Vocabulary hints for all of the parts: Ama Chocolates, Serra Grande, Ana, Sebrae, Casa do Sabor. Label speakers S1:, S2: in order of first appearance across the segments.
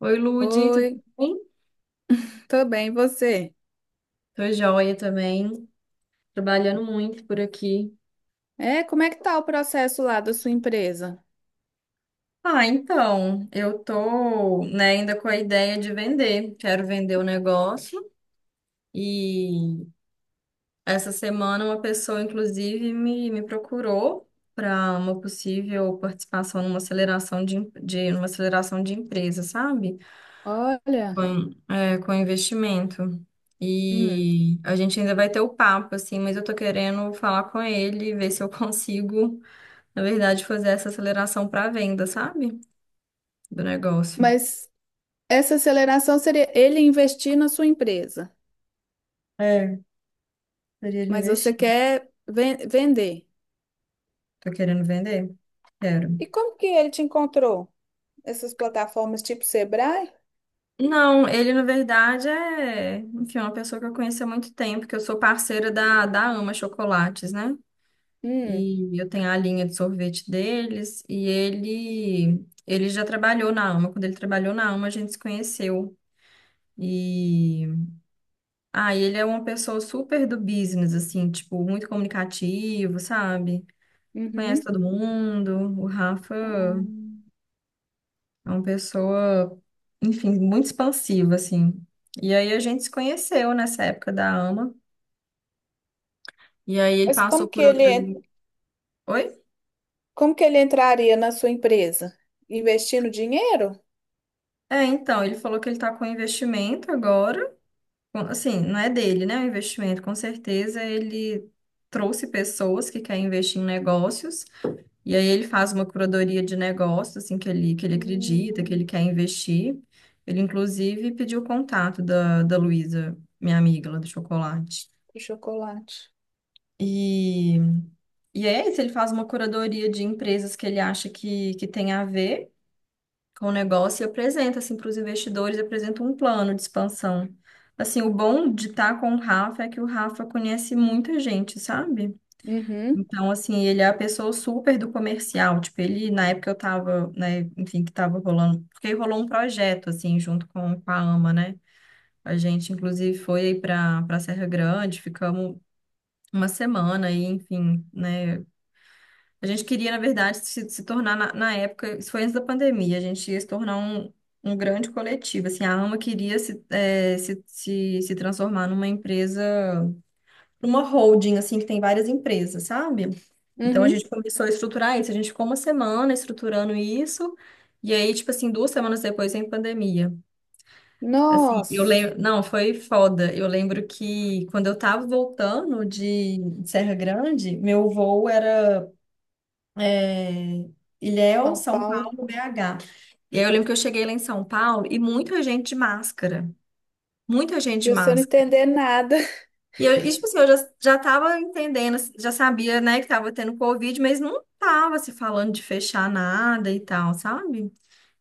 S1: Oi, Lude,
S2: Oi,
S1: tudo bem?
S2: tô bem, e você?
S1: Tô joia também, trabalhando muito por aqui.
S2: É, como é que tá o processo lá da sua empresa?
S1: Ah, então, eu tô, né, ainda com a ideia de vender. Quero vender o negócio e essa semana uma pessoa, inclusive, me procurou para uma possível participação numa aceleração de numa aceleração de empresa, sabe?
S2: Olha,
S1: Com investimento.
S2: hum,
S1: E a gente ainda vai ter o papo, assim, mas eu tô querendo falar com ele, ver se eu consigo. Na verdade, fazer essa aceleração para venda, sabe? Do negócio.
S2: mas essa aceleração seria ele investir na sua empresa,
S1: É, teria de
S2: mas você
S1: investir.
S2: quer vender.
S1: Tô querendo vender? Quero.
S2: E como que ele te encontrou? Essas plataformas tipo Sebrae?
S1: Não, ele na verdade é, enfim, é uma pessoa que eu conheci há muito tempo, que eu sou parceira da Ama Chocolates, né?
S2: Hum,
S1: E eu tenho a linha de sorvete deles, e ele já trabalhou na Ama. Quando ele trabalhou na Ama, a gente se conheceu. E ele é uma pessoa super do business, assim, tipo, muito comunicativo, sabe? Conhece
S2: uhum.
S1: todo mundo. O Rafa é
S2: Hum.
S1: uma pessoa, enfim, muito expansiva, assim. E aí a gente se conheceu nessa época da AMA. E aí ele
S2: Mas
S1: passou por outras. Oi?
S2: como que ele entraria na sua empresa? Investindo dinheiro?
S1: É, então, ele falou que ele tá com investimento agora. Assim, não é dele, né? O investimento, com certeza ele trouxe pessoas que querem investir em negócios. E aí ele faz uma curadoria de negócio, assim, que ele acredita, que ele
S2: Hum,
S1: quer investir. Ele, inclusive, pediu o contato da Luísa, minha amiga lá do chocolate.
S2: o chocolate.
S1: E, e é isso, ele faz uma curadoria de empresas que ele acha que tem a ver com o negócio e apresenta, assim, para os investidores, apresenta um plano de expansão. Assim, o bom de estar com o Rafa é que o Rafa conhece muita gente, sabe?
S2: Uhum,
S1: Então, assim, ele é a pessoa super do comercial. Tipo, ele, na época eu tava, né, enfim, que tava rolando, porque rolou um projeto, assim, junto com a AMA, né? A gente, inclusive, foi aí pra Serra Grande, ficamos uma semana aí, enfim, né? A gente queria, na verdade, se tornar, na época, isso foi antes da pandemia, a gente ia se tornar um grande coletivo. Assim, a AMA queria se, eh, se transformar numa empresa para uma holding, assim, que tem várias empresas, sabe? Então a
S2: uhum.
S1: gente começou a estruturar isso, a gente ficou uma semana estruturando isso, e aí, tipo assim, 2 semanas depois em pandemia. Assim, eu
S2: Nossa.
S1: lembro, não, foi foda. Eu lembro que quando eu tava voltando de Serra Grande, meu voo era é, Ilhéus,
S2: São
S1: São
S2: Paulo.
S1: Paulo, BH. E aí eu lembro que eu cheguei lá em São Paulo e muita gente de máscara. Muita gente de
S2: E você não
S1: máscara.
S2: entender nada.
S1: E eu, tipo assim, eu já tava entendendo, assim, já sabia, né, que tava tendo Covid, mas não tava se falando de fechar nada e tal, sabe?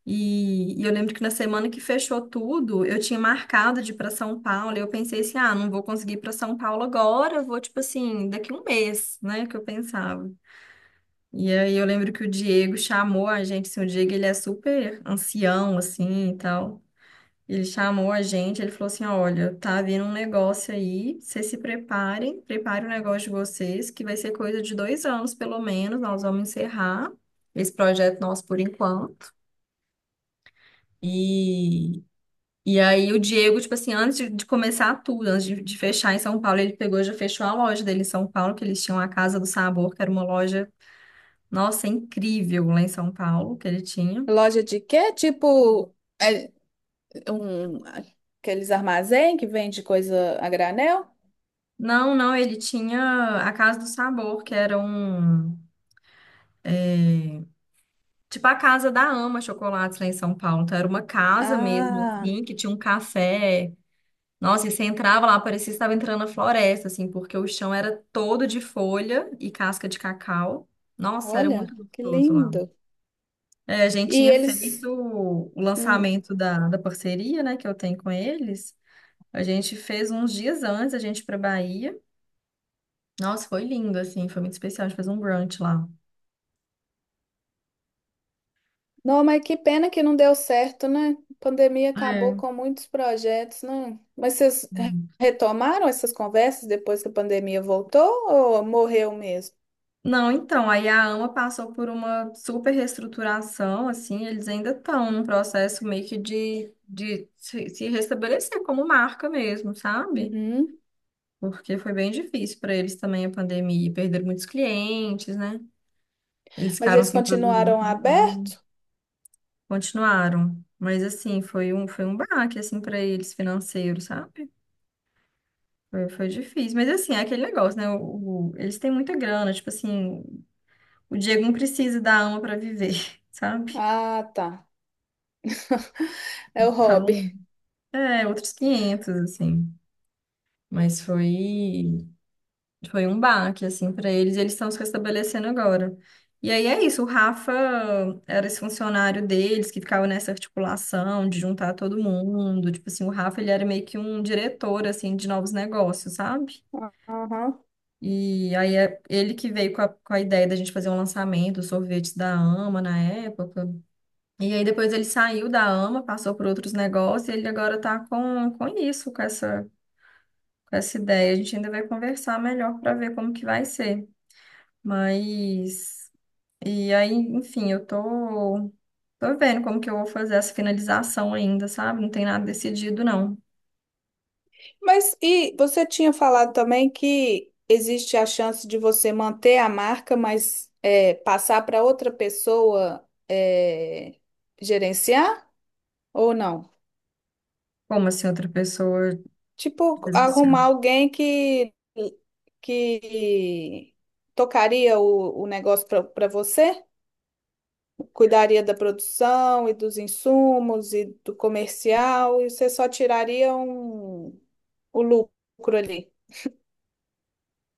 S1: E eu lembro que na semana que fechou tudo, eu tinha marcado de ir pra São Paulo, e eu pensei assim, ah, não vou conseguir ir pra São Paulo agora, eu vou, tipo assim, daqui um mês, né, que eu pensava. E aí eu lembro que o Diego chamou a gente, assim, o Diego, ele é super ancião, assim, e tal. Ele chamou a gente, ele falou assim: Olha, tá vindo um negócio aí, vocês se preparem, preparem o negócio de vocês, que vai ser coisa de 2 anos, pelo menos. Nós vamos encerrar esse projeto nosso por enquanto. E, e aí o Diego, tipo assim, antes de começar tudo, antes de fechar em São Paulo, ele pegou e já fechou a loja dele em São Paulo, que eles tinham a Casa do Sabor, que era uma loja, nossa, incrível lá em São Paulo, que ele tinha.
S2: Loja de quê? Tipo, é, um, aqueles armazém que vende coisa a granel?
S1: Não, não, ele tinha a Casa do Sabor, que era um. Tipo a casa da Ama Chocolates lá em São Paulo. Então era uma casa mesmo,
S2: Ah,
S1: assim, que tinha um café. Nossa, e você entrava lá, parecia que estava entrando na floresta, assim, porque o chão era todo de folha e casca de cacau. Nossa, era muito
S2: olha, que
S1: gostoso lá.
S2: lindo.
S1: É, a gente
S2: E
S1: tinha feito
S2: eles.
S1: o
S2: Hum.
S1: lançamento da parceria, né, que eu tenho com eles. A gente fez uns dias antes, a gente foi pra Bahia. Nossa, foi lindo, assim, foi muito especial. A gente fez um brunch lá.
S2: Não, mas que pena que não deu certo, né? A pandemia acabou
S1: É.
S2: com muitos projetos, né? Mas vocês retomaram essas conversas depois que a pandemia voltou ou morreu mesmo?
S1: Não, então, aí a AMA passou por uma super reestruturação, assim, eles ainda estão num processo meio que de se restabelecer como marca mesmo, sabe?
S2: Uhum.
S1: Porque foi bem difícil para eles também a pandemia, e perderam muitos clientes, né? Eles
S2: Mas
S1: ficaram
S2: eles
S1: sem produzir um
S2: continuaram
S1: tempão,
S2: aberto?
S1: continuaram. Mas, assim, foi um baque, assim, para eles financeiro, sabe? Foi difícil. Mas, assim, é aquele negócio, né? Eles têm muita grana, tipo assim, o Diego não precisa da AMA para viver, sabe?
S2: Ah, tá. É o
S1: Então,
S2: hobby.
S1: é, outros 500 assim. Mas foi um baque, assim, para eles, e eles estão se restabelecendo agora. E aí é isso, o Rafa era esse funcionário deles que ficava nessa articulação de juntar todo mundo. Tipo assim, o Rafa, ele era meio que um diretor, assim, de novos negócios, sabe?
S2: Aham.
S1: E aí é ele que veio com a ideia da gente fazer um lançamento, os sorvetes da Ama na época. E aí depois ele saiu da AMA, passou por outros negócios, e ele agora tá com isso, com essa ideia. A gente ainda vai conversar melhor para ver como que vai ser. Mas e aí, enfim, eu tô vendo como que eu vou fazer essa finalização ainda, sabe? Não tem nada decidido não.
S2: Mas e você tinha falado também que existe a chance de você manter a marca, mas é, passar para outra pessoa é, gerenciar ou não?
S1: Como assim outra pessoa
S2: Tipo,
S1: gerenciar?
S2: arrumar alguém que tocaria o negócio para você, cuidaria da produção e dos insumos e do comercial, e você só tiraria um, o lucro ali.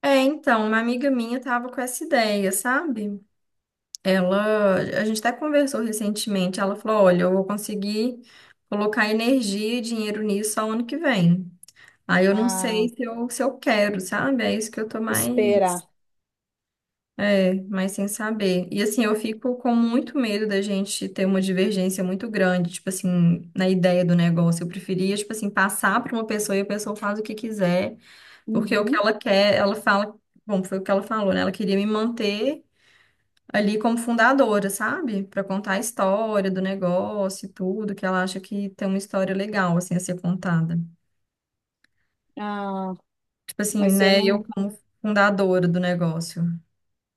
S1: É, então, uma amiga minha tava com essa ideia, sabe? Ela, a gente até conversou recentemente, ela falou, olha, eu vou conseguir colocar energia e dinheiro nisso só ano que vem. Aí eu não
S2: Ah,
S1: sei se eu quero, sabe? É isso que eu tô mais.
S2: esperar.
S1: É, mas sem saber. E assim, eu fico com muito medo da gente ter uma divergência muito grande, tipo assim, na ideia do negócio. Eu preferia, tipo assim, passar para uma pessoa e a pessoa faz o que quiser, porque o que
S2: Uhum.
S1: ela quer, ela fala. Bom, foi o que ela falou, né? Ela queria me manter ali como fundadora, sabe? Para contar a história do negócio e tudo, que ela acha que tem uma história legal, assim, a ser contada.
S2: Ah,
S1: Tipo assim,
S2: mas você
S1: né? Eu
S2: não.
S1: como fundadora do negócio.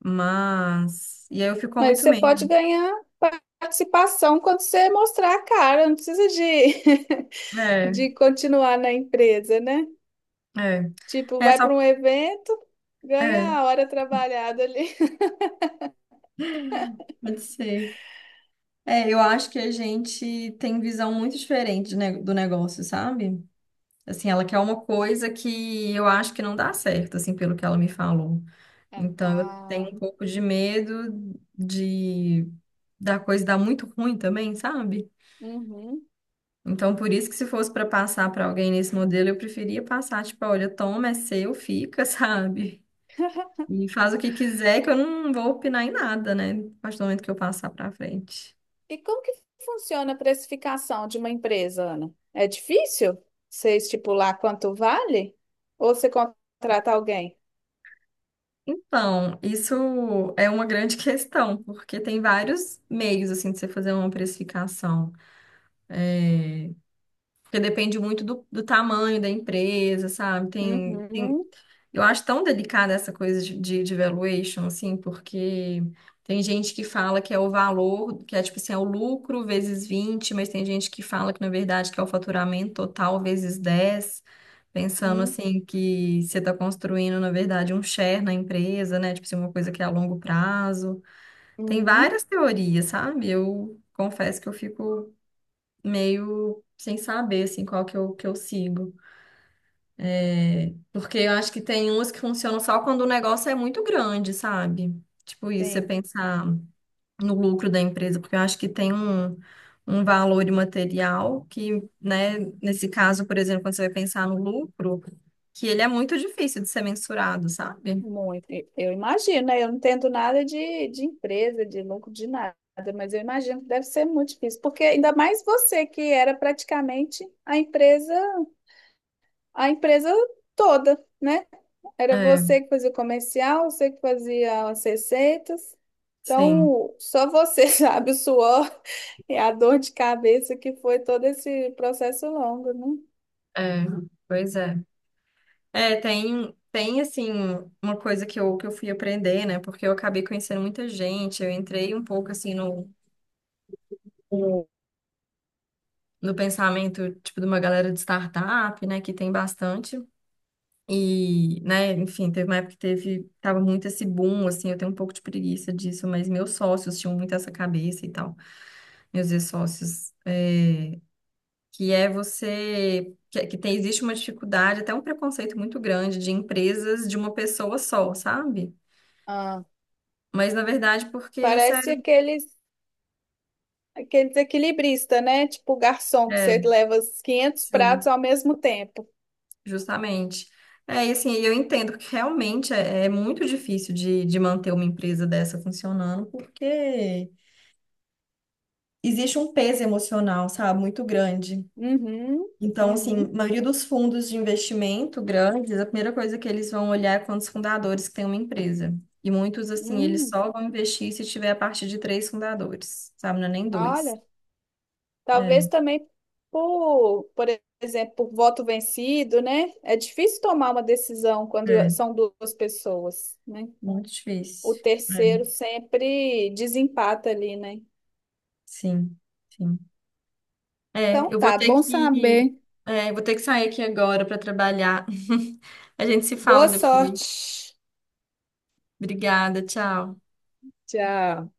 S1: Mas. E aí eu fico com
S2: Mas
S1: muito
S2: você pode
S1: medo.
S2: ganhar participação quando você mostrar a cara, não precisa de,
S1: É.
S2: de continuar na empresa, né?
S1: É.
S2: Tipo,
S1: É
S2: vai
S1: só.
S2: para um evento, ganha
S1: É,
S2: a hora trabalhada ali.
S1: pode ser. É, eu acho que a gente tem visão muito diferente de do negócio, sabe? Assim, ela quer uma coisa que eu acho que não dá certo, assim, pelo que ela me falou. Então, eu tenho
S2: Ah,
S1: um pouco de medo de da coisa dar muito ruim também, sabe?
S2: uhum.
S1: Então, por isso que se fosse para passar para alguém nesse modelo, eu preferia passar, tipo, olha, toma, é seu, fica, sabe? E faz o que quiser, que eu não vou opinar em nada, né? A partir do momento que eu passar para frente.
S2: E como que funciona a precificação de uma empresa, Ana? É difícil você estipular quanto vale? Ou você contrata alguém?
S1: Então, isso é uma grande questão, porque tem vários meios assim de você fazer uma precificação. É, porque depende muito do tamanho da empresa, sabe? Tem
S2: Uhum.
S1: eu acho tão delicada essa coisa de valuation, assim, porque tem gente que fala que é o valor, que é tipo assim, é o lucro vezes 20, mas tem gente que fala que, na verdade, que é o faturamento total vezes 10, pensando assim que você está construindo, na verdade, um share na empresa, né? Tipo assim, uma coisa que é a longo prazo. Tem
S2: Uhum.
S1: várias teorias, sabe? Eu confesso que eu fico meio sem saber, assim, qual que eu sigo. Porque eu acho que tem umas que funcionam só quando o negócio é muito grande, sabe? Tipo isso, você
S2: Sim,
S1: pensar no lucro da empresa, porque eu acho que tem um valor imaterial que, né, nesse caso, por exemplo, quando você vai pensar no lucro, que ele é muito difícil de ser mensurado, sabe?
S2: muito. Eu imagino, né? Eu não entendo nada de empresa, de lucro, de nada, mas eu imagino que deve ser muito difícil, porque ainda mais você que era praticamente a empresa toda, né? Era
S1: É,
S2: você que fazia o comercial, você que fazia as receitas.
S1: sim,
S2: Então, só você sabe o suor e a dor de cabeça que foi todo esse processo longo, né?
S1: é, pois é. É, tem assim, uma coisa que eu fui aprender, né? Porque eu acabei conhecendo muita gente, eu entrei um pouco assim no pensamento, tipo, de uma galera de startup, né, que tem bastante. E, né, enfim, teve uma época que teve, tava muito esse boom, assim, eu tenho um pouco de preguiça disso, mas meus sócios tinham muito essa cabeça e tal, meus ex-sócios, é, que é você, que tem, existe uma dificuldade, até um preconceito muito grande de empresas de uma pessoa só, sabe?
S2: Ah,
S1: Mas, na verdade, porque isso é,
S2: parece aqueles. Aquele desequilibrista, né? Tipo o garçom, que
S1: é,
S2: você leva os 500 pratos
S1: sim.
S2: ao mesmo tempo.
S1: Justamente. É, e assim, eu entendo que realmente é, é muito difícil de manter uma empresa dessa funcionando, porque existe um peso emocional, sabe, muito grande.
S2: Uhum,
S1: Então, assim, a
S2: uhum,
S1: maioria dos fundos de investimento grandes, a primeira coisa que eles vão olhar é quantos fundadores que tem uma empresa. E muitos, assim, eles
S2: hum.
S1: só vão investir se tiver a partir de três fundadores, sabe? Não é nem dois.
S2: Olha,
S1: É,
S2: talvez também por exemplo, por voto vencido, né? É difícil tomar uma decisão quando
S1: é,
S2: são duas pessoas, né?
S1: muito
S2: O
S1: difícil. É,
S2: terceiro sempre desempata ali, né?
S1: sim, sim. É,
S2: Então tá, bom saber.
S1: eu vou ter que sair aqui agora para trabalhar. A gente se fala
S2: Boa
S1: depois.
S2: sorte.
S1: Obrigada, tchau.
S2: Tchau.